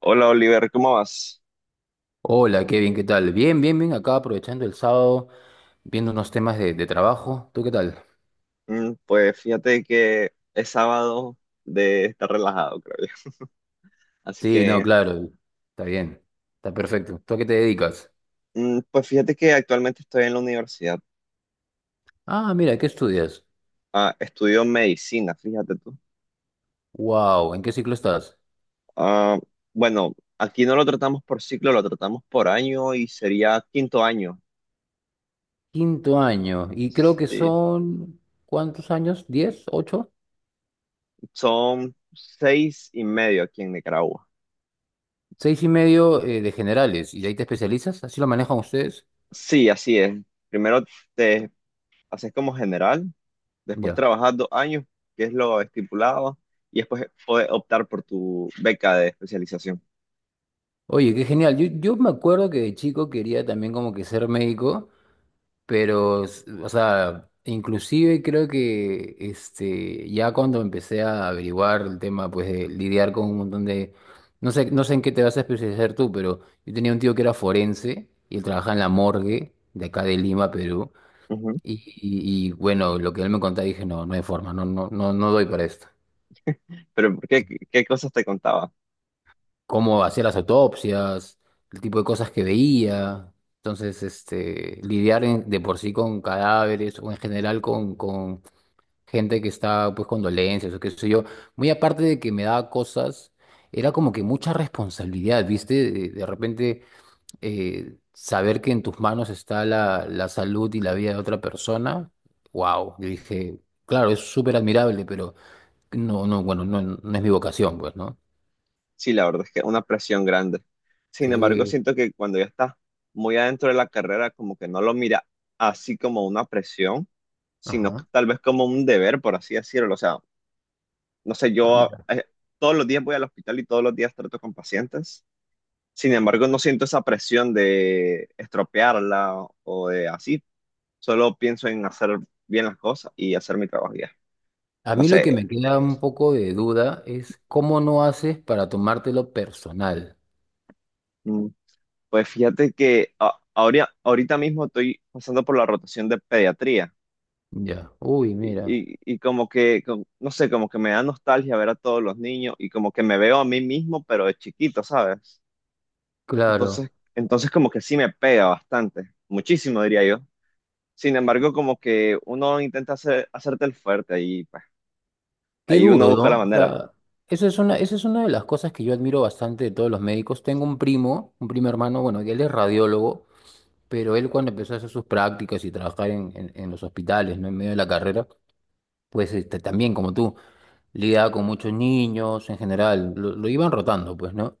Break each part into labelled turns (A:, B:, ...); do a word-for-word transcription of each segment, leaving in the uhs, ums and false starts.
A: Hola Oliver, ¿cómo vas?
B: Hola, Kevin, ¿qué tal? Bien, bien, bien, acá aprovechando el sábado, viendo unos temas de, de trabajo. ¿Tú qué tal?
A: Mm, Pues fíjate que es sábado de estar relajado, creo yo. Así
B: Sí, no,
A: que,
B: claro, está bien, está perfecto. ¿Tú a qué te dedicas?
A: mm, pues fíjate que actualmente estoy en la universidad.
B: Ah, mira, ¿qué estudias?
A: Ah, estudio medicina, fíjate tú.
B: Wow, ¿en qué ciclo estás?
A: Ah, bueno, aquí no lo tratamos por ciclo, lo tratamos por año y sería quinto año.
B: Quinto año, y creo que
A: Sí,
B: son, ¿cuántos años? ¿Diez? ¿Ocho?
A: son seis y medio aquí en Nicaragua.
B: Seis y medio eh, de generales, y de ahí te especializas, ¿así lo manejan ustedes?
A: Sí, así es. Primero te haces como general. Después
B: Ya.
A: trabajas dos años, que es lo estipulado, y después puedes optar por tu beca de especialización.
B: Oye, qué genial. Yo, yo me acuerdo que de chico quería también como que ser médico. Pero, s- o sea, inclusive creo que este, ya cuando empecé a averiguar el tema, pues de lidiar con un montón de... No sé, no sé en qué te vas a especializar tú, pero yo tenía un tío que era forense y él trabajaba en la morgue de acá de Lima, Perú.
A: Ujú.
B: Y, y- y, bueno, lo que él me contaba dije, no, no hay forma, no, no, no, no doy para esto.
A: Pero ¿por ¿qué, qué cosas te contaba?
B: Cómo hacía las autopsias, el tipo de cosas que veía. Entonces, este, lidiar en- de por sí con cadáveres o en general con, con gente que está pues con dolencias o qué sé yo, muy aparte de que me daba cosas, era como que mucha responsabilidad, ¿viste? De, de repente eh, saber que en tus manos está la, la salud y la vida de otra persona, wow, yo dije, claro, es súper admirable, pero no, no, bueno, no, no es mi vocación, pues, ¿no?
A: Sí, la verdad es que una presión grande. Sin embargo,
B: Sí,
A: siento que cuando ya estás muy adentro de la carrera, como que no lo mira así como una presión, sino que
B: ajá.
A: tal vez como un deber, por así decirlo. O sea, no sé,
B: Ah,
A: yo
B: mira.
A: eh, todos los días voy al hospital y todos los días trato con pacientes. Sin embargo, no siento esa presión de estropearla o de así, solo pienso en hacer bien las cosas y hacer mi trabajo ya.
B: A
A: No
B: mí lo que me
A: sé.
B: queda un poco de duda es cómo no haces para tomártelo personal.
A: mm, Pues fíjate que a- ahora, ahorita mismo estoy pasando por la rotación de pediatría.
B: Ya, uy, mira,
A: Y, y- y como que, com- no sé, como que me da nostalgia ver a todos los niños y como que me veo a mí mismo, pero de chiquito, ¿sabes? Entonces,
B: claro.
A: entonces como que sí me pega bastante, muchísimo diría yo. Sin embargo, como que uno intenta hacer, hacerte el fuerte y pues,
B: Qué
A: ahí uno
B: duro,
A: busca
B: ¿no?
A: la
B: O
A: manera.
B: sea, eso es una, eso es una de las cosas que yo admiro bastante de todos los médicos. Tengo un primo, un primo hermano, bueno, que él es radiólogo, pero él cuando empezó a hacer sus prácticas y trabajar en, en- en los hospitales, ¿no? En medio de la carrera, pues este, también, como tú, lidiaba con muchos niños en general, lo, lo iban rotando, pues, ¿no?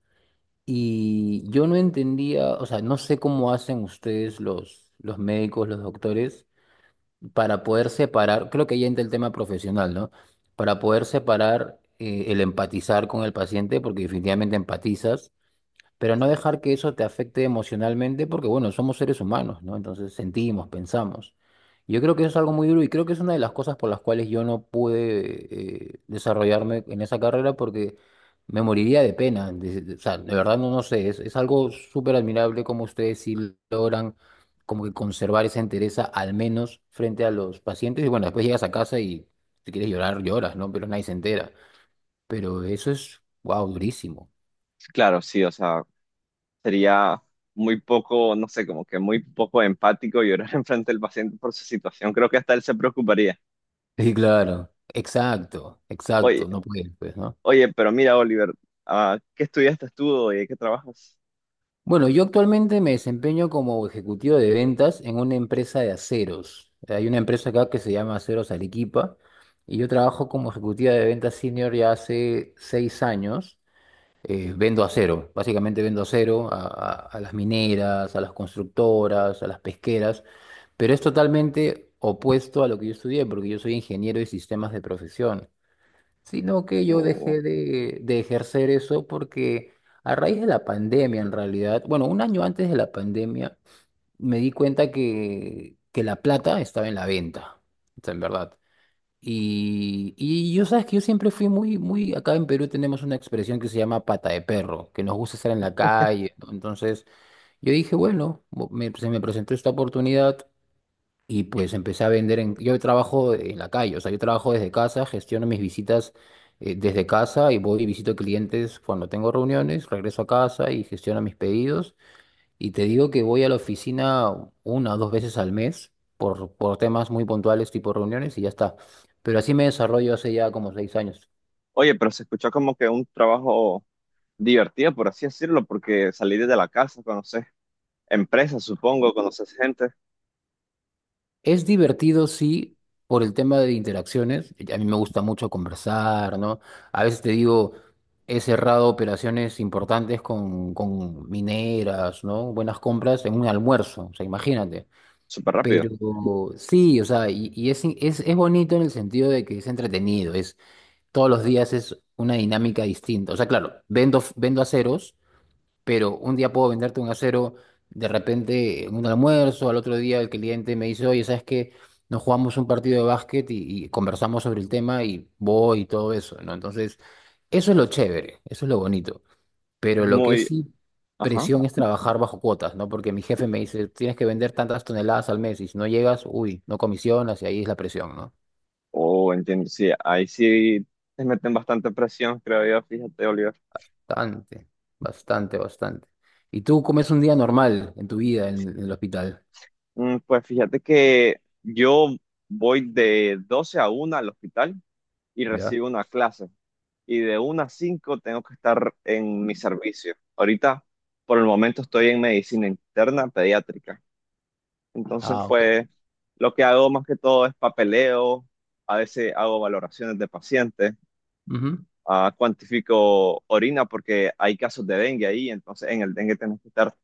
B: Y yo no entendía, o sea, no sé cómo hacen ustedes los, los médicos, los doctores para poder separar, creo que ya entra el tema profesional, ¿no? Para poder separar eh, el empatizar con el paciente, porque definitivamente empatizas, pero no dejar que eso te afecte emocionalmente, porque bueno, somos seres humanos, ¿no? Entonces sentimos, pensamos. Yo creo que eso es algo muy duro y creo que es una de las cosas por las cuales yo no pude eh, desarrollarme en esa carrera porque me moriría de pena. De- de- o sea, de verdad no, no sé, es, es algo súper admirable como ustedes sí logran como que conservar esa entereza al menos frente a los pacientes. Y bueno, después llegas a casa y si quieres llorar, lloras, ¿no? Pero nadie se entera. Pero eso es, wow, durísimo.
A: Claro, sí, o sea, sería muy poco, no sé, como que muy poco empático llorar enfrente del paciente por su situación. Creo que hasta él se preocuparía.
B: Sí, claro, exacto,
A: Oye,
B: exacto, no puedes, pues, ¿no?
A: oye, pero mira, Oliver, ah, ¿qué estudiaste tú y qué trabajas?
B: Bueno, yo actualmente me desempeño como ejecutivo de ventas en una empresa de aceros. Hay una empresa acá que se llama Aceros Arequipa y yo trabajo como ejecutiva de ventas senior ya hace seis años. Eh, vendo acero, básicamente vendo acero a, a a las mineras, a las constructoras, a las pesqueras, pero es totalmente opuesto a lo que yo estudié porque yo soy ingeniero de sistemas de profesión. Sino que yo
A: O,
B: dejé de, de ejercer eso porque a raíz de la pandemia, en realidad, bueno, un año antes de la pandemia, me di cuenta que, que, la plata estaba en la venta, o sea, en verdad. Y, y yo sabes que yo siempre fui muy, muy, acá en Perú tenemos una expresión que se llama pata de perro, que nos gusta estar en la calle, ¿no? Entonces yo dije, bueno, bo- me- se me presentó esta oportunidad, y pues empecé a vender. en... Yo trabajo en la calle, o sea, yo trabajo desde casa, gestiono mis visitas eh, desde casa y voy y visito clientes cuando tengo reuniones, regreso a casa y gestiono mis pedidos. Y te digo que voy a la oficina una o dos veces al mes por, por temas muy puntuales tipo reuniones y ya está. Pero así me desarrollo hace ya como seis años.
A: oye, pero se escuchó como que un trabajo divertido, por así decirlo, porque salir de la casa, conoces empresas, supongo, conoces gente
B: Es divertido, sí, por el tema de interacciones. A mí me gusta mucho conversar, ¿no? A veces te digo, he cerrado operaciones importantes con, con mineras, ¿no? Buenas compras en un almuerzo, o sea, imagínate.
A: súper rápido.
B: Pero sí, o sea, y, y es, es, es bonito en el sentido de que es entretenido, es, todos los días es una dinámica distinta. O sea, claro, vendo, vendo aceros pero un día puedo venderte un acero de repente en un almuerzo, al otro día el cliente me dice, oye, ¿sabes qué? Nos jugamos un partido de básquet y, y conversamos sobre el tema y voy y todo eso, ¿no? Entonces, eso es lo chévere, eso es lo bonito,
A: Es
B: pero lo que
A: muy,
B: sí
A: ajá,
B: presión es trabajar bajo cuotas, ¿no? Porque mi jefe me dice, tienes que vender tantas toneladas al mes y si no llegas, uy, no comisionas y ahí es la presión, ¿no?
A: o entiendo, sí, ahí sí te meten bastante presión, creo yo, fíjate, Oliver.
B: Bastante, bastante, bastante. ¿Y tú cómo es un día normal en tu vida en, en el hospital?
A: Mm, Pues fíjate que yo voy de doce a una al hospital y
B: ¿Ya?
A: recibo una clase. Y de una a cinco tengo que estar en mi servicio. Ahorita, por el momento, estoy en medicina interna pediátrica. Entonces,
B: Ah, ok.
A: pues, lo que hago más que todo es papeleo. A veces hago valoraciones de pacientes.
B: Ujú.
A: Ah, cuantifico orina porque hay casos de dengue ahí. Entonces, en el dengue tenemos que estar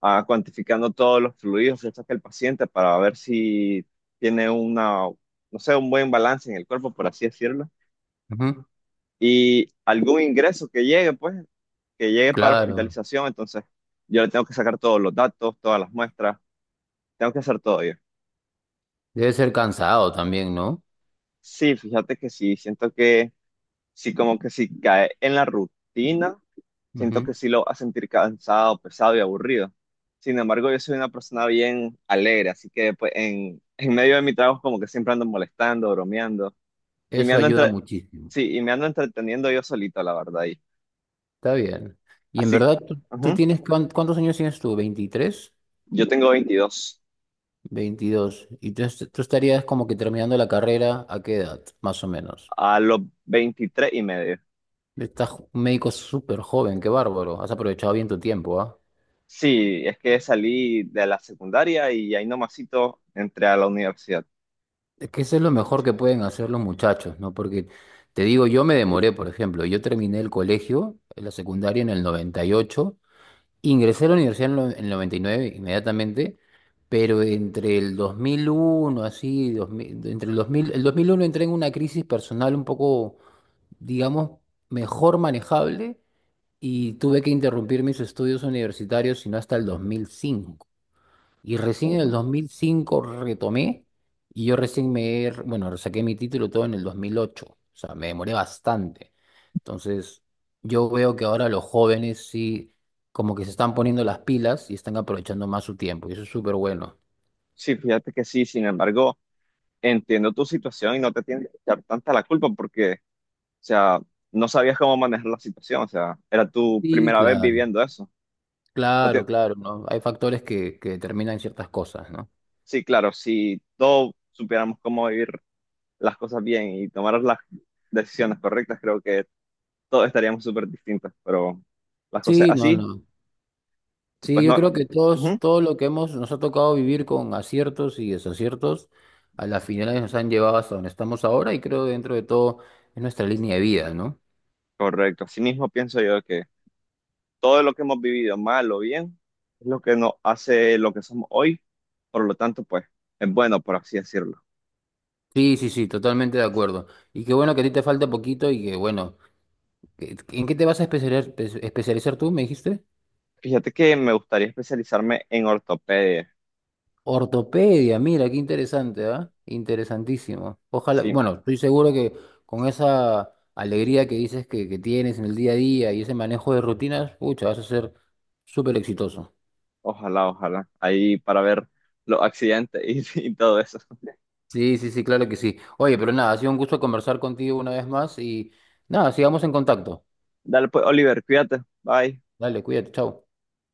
A: ah, cuantificando todos los fluidos que saca el paciente para ver si tiene una, no sé, un buen balance en el cuerpo, por así decirlo,
B: Ujú.
A: y algún ingreso que llegue, pues, que llegue para
B: Claro,
A: hospitalización. Entonces yo le tengo que sacar todos los datos, todas las muestras, tengo que hacer todo yo.
B: debe ser cansado también, ¿no?
A: Sí, fíjate que sí, siento que sí, como que sí cae en la rutina, siento que
B: Ujú.
A: sí lo va a sentir cansado, pesado y aburrido. Sin embargo, yo soy una persona bien alegre, así que pues, en, en medio de mi trabajo como que siempre ando molestando, bromeando y me
B: Eso
A: ando
B: ayuda
A: entre-
B: muchísimo.
A: sí, y me ando entreteniendo yo solito, la verdad. Y,
B: Está bien. Y en
A: así que,
B: verdad, tú, tú
A: ujú,
B: tienes, cuán- ¿cuántos años tienes tú? Veintitrés,
A: yo tengo veintidós.
B: veintidós. Y tú, est- tú estarías como que terminando la carrera, ¿a qué edad, más o menos?
A: A los veintitrés y medio.
B: Estás jo- un médico súper joven, qué bárbaro. Has aprovechado bien tu tiempo, ¿ah?
A: Sí, es que salí de la secundaria y ahí nomasito entré a la universidad.
B: Es que eso es lo mejor que pueden hacer los muchachos, ¿no? Porque te digo, yo me demoré, por ejemplo, yo terminé el colegio, la secundaria en el noventa y ocho. Ingresé a la universidad en lo- en el noventa y nueve inmediatamente, pero entre el dos mil uno, así, dos mil entre el dos mil, el dos mil uno entré en una crisis personal un poco, digamos, mejor manejable y tuve que interrumpir mis estudios universitarios, sino hasta el dos mil cinco. Y recién en el
A: Ujú.
B: dos mil cinco retomé y yo recién me, he- bueno, saqué mi título todo en el dos mil ocho, o sea, me demoré bastante. Entonces, yo veo que ahora los jóvenes sí, como que se están poniendo las pilas y están aprovechando más su tiempo, y eso es súper bueno.
A: Sí, fíjate que sí, sin embargo, entiendo tu situación y no te tienes que echar tanta la culpa porque, o sea, no sabías cómo manejar la situación, o sea, era tu
B: Sí,
A: primera vez
B: claro,
A: viviendo eso. No te-
B: claro, claro, ¿no? Hay factores que, que, determinan ciertas cosas, ¿no?
A: Sí, claro, si todos supiéramos cómo vivir las cosas bien y tomar las decisiones correctas, creo que todos estaríamos súper distintos, pero las cosas
B: Sí, no,
A: así,
B: no. Sí,
A: pues
B: yo
A: no.
B: creo que todos,
A: Ujú,
B: todo lo que hemos, nos ha tocado vivir con aciertos y desaciertos, a las finales nos han llevado hasta donde estamos ahora y creo que dentro de todo es nuestra línea de vida, ¿no?
A: correcto, así mismo pienso yo que todo lo que hemos vivido, mal o bien, es lo que nos hace lo que somos hoy, por lo tanto, pues es bueno, por así decirlo.
B: Sí, sí, sí, totalmente de acuerdo. Y qué bueno que a ti te falta poquito y que bueno, que- ¿en qué te vas a especializar, espe- especializar tú, me dijiste?
A: Fíjate que me gustaría especializarme en ortopedia.
B: Ortopedia, mira, qué interesante, ¿ah? Interesantísimo. Ojalá,
A: Sí,
B: bueno, estoy seguro que con esa alegría que dices que, que tienes en el día a día y ese manejo de rutinas, pucha, vas a ser súper exitoso.
A: ojalá, ojalá. Ahí para ver los accidentes y, y todo eso.
B: Sí, sí, sí, claro que sí. Oye, pero nada, ha sido un gusto conversar contigo una vez más y nada, sigamos en contacto.
A: Dale pues, Oliver, cuídate. Bye.
B: Dale, cuídate, chao.